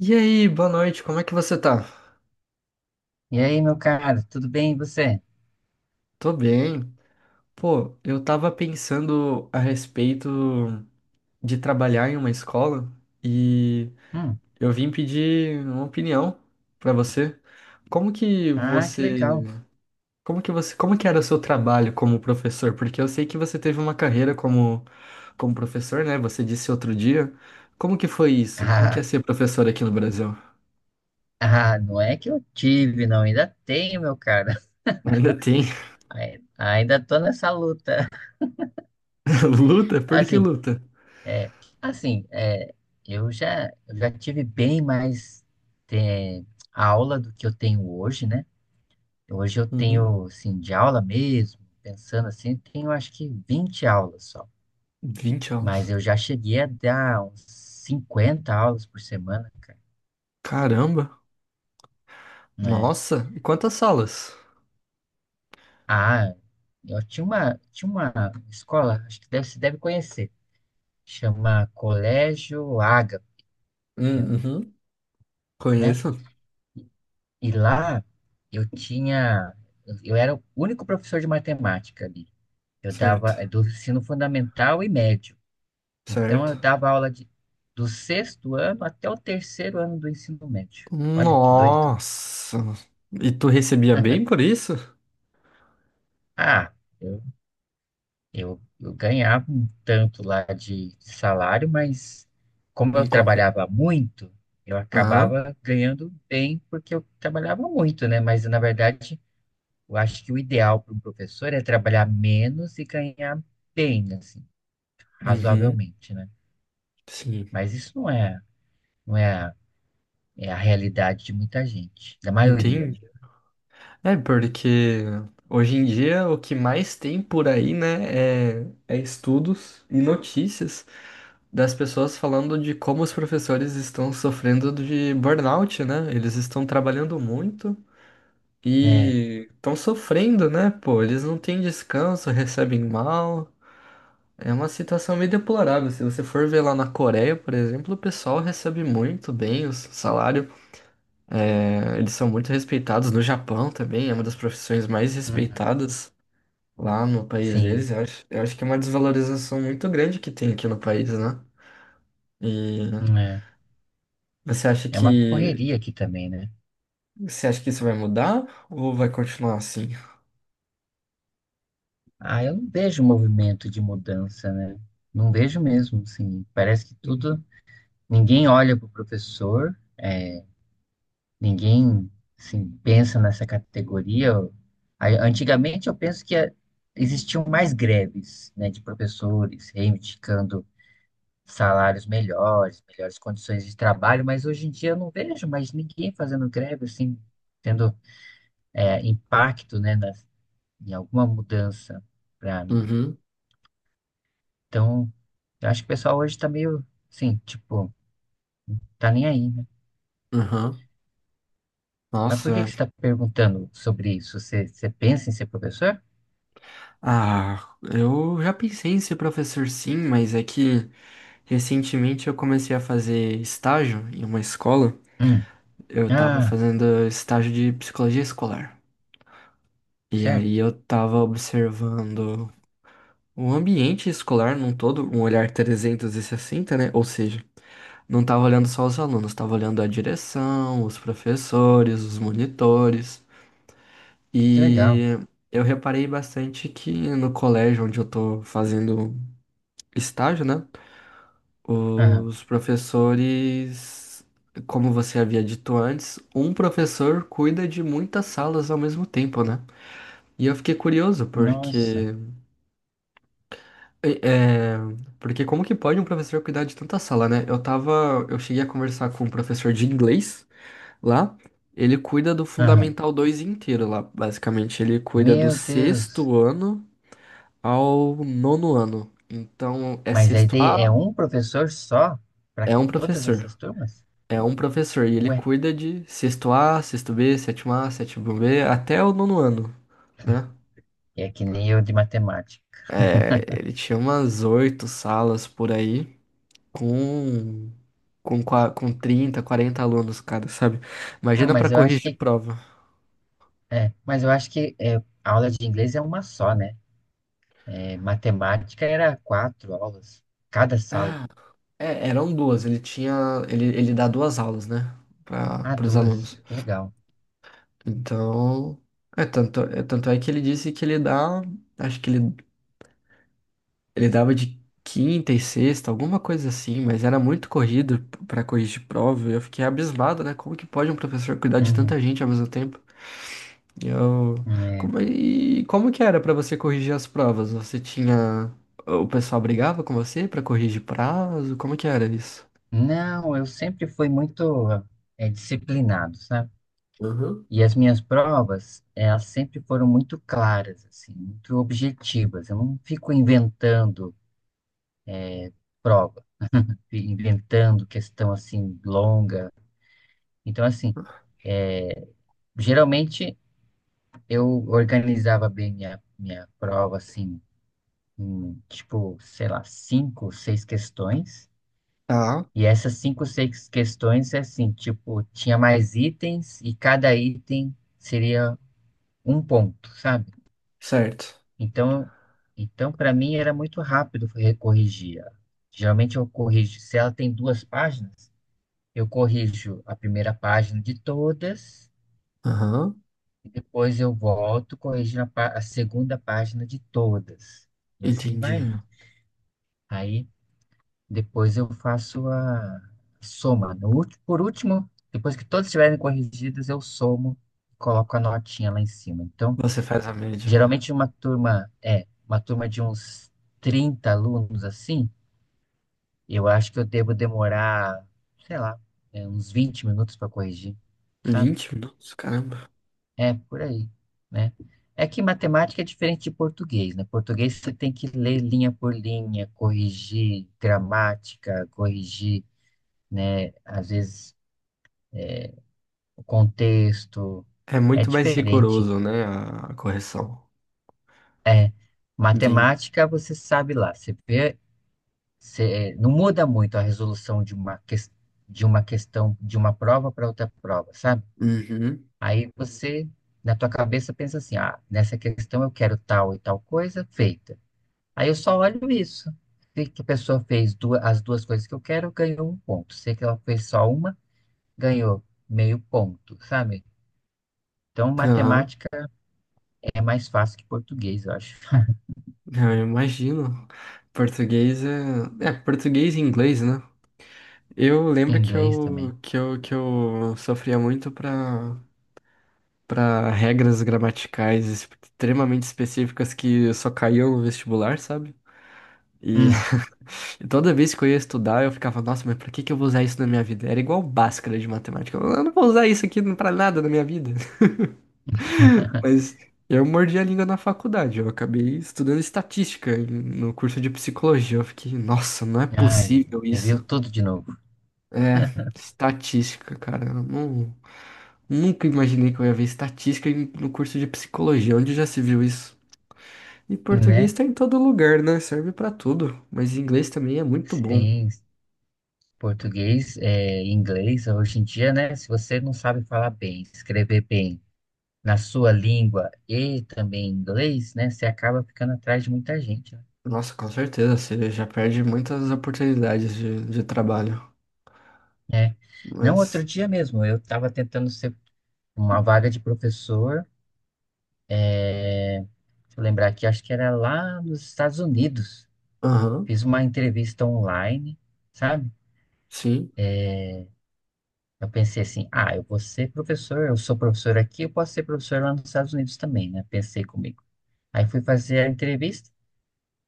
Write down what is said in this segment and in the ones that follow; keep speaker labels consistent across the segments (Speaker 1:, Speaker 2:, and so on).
Speaker 1: E aí, boa noite, como é que você tá?
Speaker 2: E aí, meu caro, tudo bem e você?
Speaker 1: Tô bem. Pô, eu tava pensando a respeito de trabalhar em uma escola e
Speaker 2: Hum.
Speaker 1: eu vim pedir uma opinião pra você. Como que
Speaker 2: Ah, que
Speaker 1: você,
Speaker 2: legal.
Speaker 1: como que era o seu trabalho como professor? Porque eu sei que você teve uma carreira como professor, né? Você disse outro dia. Como que foi isso? Como que é ser professor aqui no Brasil?
Speaker 2: Ah, não é que eu tive, não, ainda tenho, meu caro.
Speaker 1: Ainda tem
Speaker 2: Ainda tô nessa luta.
Speaker 1: luta? Por que
Speaker 2: Assim,
Speaker 1: luta?
Speaker 2: é, assim, eu já tive bem mais é, aula do que eu tenho hoje, né? Hoje eu
Speaker 1: Uhum.
Speaker 2: tenho, assim, de aula mesmo, pensando assim, tenho acho que 20 aulas só.
Speaker 1: 20 anos.
Speaker 2: Mas eu já cheguei a dar uns 50 aulas por semana, cara.
Speaker 1: Caramba!
Speaker 2: né?
Speaker 1: Nossa! E quantas salas?
Speaker 2: Ah, eu tinha uma escola, acho que deve, você deve conhecer, chama Colégio Ágape, eu,
Speaker 1: Uhum.
Speaker 2: né?
Speaker 1: Conheço?
Speaker 2: E lá eu tinha, eu era o único professor de matemática ali. Eu dava
Speaker 1: Certo,
Speaker 2: do ensino fundamental e médio. Então eu
Speaker 1: certo.
Speaker 2: dava aula do sexto ano até o terceiro ano do ensino médio. Olha que doido.
Speaker 1: Nossa! E tu recebia bem por isso?
Speaker 2: Ah, eu ganhava um tanto lá de salário, mas como
Speaker 1: Não
Speaker 2: eu
Speaker 1: comprei.
Speaker 2: trabalhava muito, eu
Speaker 1: Aham.
Speaker 2: acabava ganhando bem porque eu trabalhava muito, né? Mas na verdade, eu acho que o ideal para um professor é trabalhar menos e ganhar bem, assim,
Speaker 1: Uhum.
Speaker 2: razoavelmente, né?
Speaker 1: Sim.
Speaker 2: Mas isso não é, a- é a realidade de muita gente, da maioria,
Speaker 1: Entendi.
Speaker 2: né?
Speaker 1: É, porque hoje em dia o que mais tem por aí, né, é estudos e notícias das pessoas falando de como os professores estão sofrendo de burnout, né? Eles estão trabalhando muito.
Speaker 2: É,
Speaker 1: E estão sofrendo, né, pô? Eles não têm descanso, recebem mal. É uma situação meio deplorável. Se você for ver lá na Coreia, por exemplo, o pessoal recebe muito bem o salário. É, eles são muito respeitados. No Japão também, é uma das profissões mais
Speaker 2: uhum,
Speaker 1: respeitadas lá no país
Speaker 2: sim,
Speaker 1: deles. Eu acho que é uma desvalorização muito grande que tem aqui no país, né? E
Speaker 2: é.
Speaker 1: você acha
Speaker 2: É uma
Speaker 1: que,
Speaker 2: correria aqui também, né?
Speaker 1: você acha que isso vai mudar ou vai continuar assim?
Speaker 2: Ah, eu não vejo movimento de mudança, né? Não vejo mesmo, assim. Parece que tudo. Ninguém olha para o professor, ninguém assim, pensa nessa categoria. Antigamente eu penso que existiam mais greves, né, de professores reivindicando salários melhores, melhores condições de trabalho, mas hoje em dia eu não vejo mais ninguém fazendo greve, assim, tendo, impacto, né, em alguma mudança.
Speaker 1: Uhum,
Speaker 2: Então, eu acho que o pessoal hoje tá meio, assim, tipo, tá nem aí, né?
Speaker 1: uhum.
Speaker 2: Mas
Speaker 1: Nossa,
Speaker 2: por que
Speaker 1: é.
Speaker 2: que você tá perguntando sobre isso? Você pensa em ser professor?
Speaker 1: Ah, eu já pensei em ser professor sim, mas é que recentemente eu comecei a fazer estágio em uma escola.
Speaker 2: Hum.
Speaker 1: Eu tava
Speaker 2: Ah,
Speaker 1: fazendo estágio de psicologia escolar. E aí
Speaker 2: certo.
Speaker 1: eu tava observando o ambiente escolar num todo, um olhar 360, né? Ou seja, não tava olhando só os alunos, tava olhando a direção, os professores, os monitores.
Speaker 2: Que legal.
Speaker 1: E eu reparei bastante que no colégio onde eu tô fazendo estágio, né?
Speaker 2: Aham.
Speaker 1: Os professores, como você havia dito antes, um professor cuida de muitas salas ao mesmo tempo, né? E eu fiquei curioso
Speaker 2: Nossa.
Speaker 1: porque é, porque como que pode um professor cuidar de tanta sala, né? Eu cheguei a conversar com um professor de inglês lá, ele cuida do
Speaker 2: Aham.
Speaker 1: Fundamental 2 inteiro lá, basicamente, ele cuida do
Speaker 2: Meu Deus.
Speaker 1: sexto ano ao nono ano. Então, é
Speaker 2: Mas a
Speaker 1: sexto
Speaker 2: ideia
Speaker 1: A,
Speaker 2: é um professor só para
Speaker 1: é um
Speaker 2: todas
Speaker 1: professor.
Speaker 2: essas turmas?
Speaker 1: É um professor e ele
Speaker 2: Ué,
Speaker 1: cuida de sexto A, sexto B, sétimo A, sétimo B, até o nono ano, né?
Speaker 2: é que nem eu de matemática.
Speaker 1: É, ele tinha umas oito salas por aí, com, com 30, 40 alunos, cara, sabe?
Speaker 2: Ah,
Speaker 1: Imagina pra
Speaker 2: mas eu acho
Speaker 1: corrigir
Speaker 2: que,
Speaker 1: prova.
Speaker 2: é, mas eu acho que é, a aula de inglês é uma só, né? É, matemática era quatro aulas, cada sala.
Speaker 1: Ah, é, eram duas, ele dá duas aulas, né,
Speaker 2: Ah,
Speaker 1: para os
Speaker 2: duas.
Speaker 1: alunos.
Speaker 2: Que legal.
Speaker 1: Então, é tanto é que ele disse que ele dá, acho que ele dava de quinta e sexta, alguma coisa assim, mas era muito corrido para corrigir prova. E eu fiquei abismado, né? Como que pode um professor cuidar de
Speaker 2: Uhum.
Speaker 1: tanta gente ao mesmo tempo? E eu...
Speaker 2: É.
Speaker 1: Como... E como que era para você corrigir as provas? Você tinha... O pessoal brigava com você para corrigir prazo? Como que era isso?
Speaker 2: Não, eu sempre fui muito disciplinado, sabe?
Speaker 1: Aham.
Speaker 2: E as minhas provas, elas sempre foram muito claras, assim, muito objetivas. Eu não fico inventando prova, inventando questão, assim, longa. Então, assim, é, geralmente eu organizava bem minha prova, assim, em, tipo, sei lá, cinco, seis questões.
Speaker 1: Tá.
Speaker 2: E essas cinco, seis questões é assim, tipo, tinha mais itens e cada item seria um ponto, sabe?
Speaker 1: Certo.
Speaker 2: Então, então, para mim era muito rápido recorrigir. Geralmente eu corrijo, se ela tem duas páginas, eu corrijo a primeira página de todas
Speaker 1: Aham.
Speaker 2: e depois eu volto corrigindo a segunda página de todas. E assim
Speaker 1: Entendi.
Speaker 2: vai indo. Aí depois eu faço a soma. No último, por último, depois que todas estiverem corrigidas, eu somo e coloco a notinha lá em cima. Então,
Speaker 1: Você faz a média.
Speaker 2: geralmente uma turma é uma turma de uns 30 alunos assim, eu acho que eu devo demorar, sei lá, uns 20 minutos para corrigir, sabe?
Speaker 1: 20 minutos, caramba.
Speaker 2: É por aí, né? É que matemática é diferente de português, né? Português você tem que ler linha por linha, corrigir gramática, corrigir, né? Às vezes o contexto
Speaker 1: É
Speaker 2: é
Speaker 1: muito mais
Speaker 2: diferente.
Speaker 1: rigoroso, né? A correção. Entendi.
Speaker 2: Matemática, você sabe lá, você vê, não muda muito a resolução de de uma questão, de uma prova para outra prova, sabe?
Speaker 1: Uhum.
Speaker 2: Aí você, na tua cabeça, pensa assim, ah, nessa questão eu quero tal e tal coisa feita. Aí eu só olho isso. Se que a pessoa fez duas, as duas coisas que eu quero, ganhou um ponto. Se que ela fez só uma, ganhou meio ponto, sabe? Então,
Speaker 1: Aham.
Speaker 2: matemática é mais fácil que português, eu acho.
Speaker 1: Ah, eu imagino. Português é... É, português e inglês, né? Eu lembro que
Speaker 2: Inglês também.
Speaker 1: eu, que eu, que eu sofria muito para para regras gramaticais extremamente específicas que só caíam no vestibular, sabe? E
Speaker 2: Hum,
Speaker 1: e toda vez que eu ia estudar, eu ficava, nossa, mas pra que que eu vou usar isso na minha vida? Era igual Bhaskara de matemática. Eu não vou usar isso aqui pra nada na minha vida. Mas eu mordi a língua na faculdade. Eu acabei estudando estatística em- no curso de psicologia. Eu fiquei, nossa, não é
Speaker 2: ai,
Speaker 1: possível
Speaker 2: reviu
Speaker 1: isso.
Speaker 2: tudo de novo,
Speaker 1: É, estatística, cara. Eu não, nunca imaginei que eu ia ver estatística em- no curso de psicologia. Onde já se viu isso? E português
Speaker 2: né?
Speaker 1: tá em todo lugar, né? Serve pra tudo. Mas inglês também é muito bom.
Speaker 2: Sim, português, inglês, hoje em dia, né? Se você não sabe falar bem, escrever bem na sua língua e também inglês, né? Você acaba ficando atrás de muita gente, né?
Speaker 1: Nossa, com certeza. Você já perde muitas oportunidades de trabalho.
Speaker 2: É. Não, outro
Speaker 1: Mas,
Speaker 2: dia mesmo, eu estava tentando ser uma vaga de professor, deixa eu lembrar aqui, acho que era lá nos Estados Unidos.
Speaker 1: aham,
Speaker 2: Fiz uma entrevista online, sabe?
Speaker 1: sim,
Speaker 2: Eu pensei assim, ah, eu vou ser professor, eu sou professor aqui, eu posso ser professor lá nos Estados Unidos também, né? Pensei comigo. Aí fui fazer a entrevista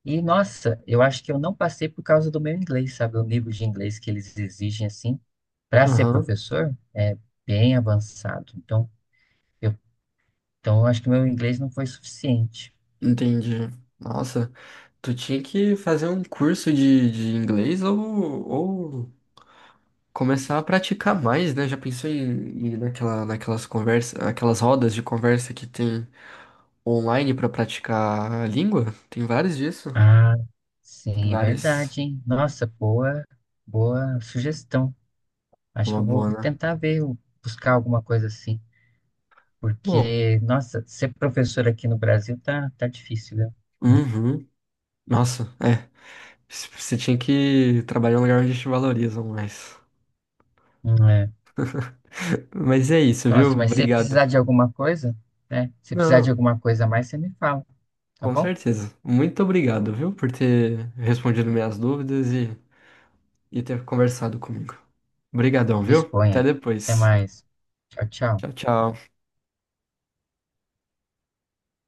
Speaker 2: e, nossa, eu acho que eu não passei por causa do meu inglês, sabe? O nível de inglês que eles exigem, assim, para ser
Speaker 1: aham,
Speaker 2: professor é bem avançado. Eu, então, eu acho que meu inglês não foi suficiente.
Speaker 1: entendi. Nossa. Tu tinha que fazer um curso de inglês ou começar a praticar mais, né? Já pensou em ir naquelas conversas, aquelas rodas de conversa que tem online pra praticar a língua? Tem vários disso.
Speaker 2: Ah,
Speaker 1: Tem
Speaker 2: sim, é
Speaker 1: várias.
Speaker 2: verdade, hein? Nossa, boa, boa sugestão.
Speaker 1: É
Speaker 2: Acho que
Speaker 1: uma
Speaker 2: eu
Speaker 1: boa,
Speaker 2: vou
Speaker 1: né?
Speaker 2: tentar ver, eu buscar alguma coisa assim.
Speaker 1: Bom,
Speaker 2: Porque, nossa, ser professor aqui no Brasil tá difícil, viu?
Speaker 1: uhum. Nossa, é. C- Você tinha que trabalhar em um lugar onde te valorizam mais.
Speaker 2: É.
Speaker 1: Mas é isso, viu?
Speaker 2: Nossa, mas se
Speaker 1: Obrigado.
Speaker 2: precisar de alguma coisa, né? Se precisar de
Speaker 1: Não,
Speaker 2: alguma coisa a mais, você me fala, tá
Speaker 1: com
Speaker 2: bom?
Speaker 1: certeza. Muito obrigado, viu, por ter respondido minhas dúvidas e ter conversado comigo. Obrigadão, viu? Até
Speaker 2: Disponha. Até
Speaker 1: depois.
Speaker 2: mais. Tchau, tchau.
Speaker 1: Tchau, tchau.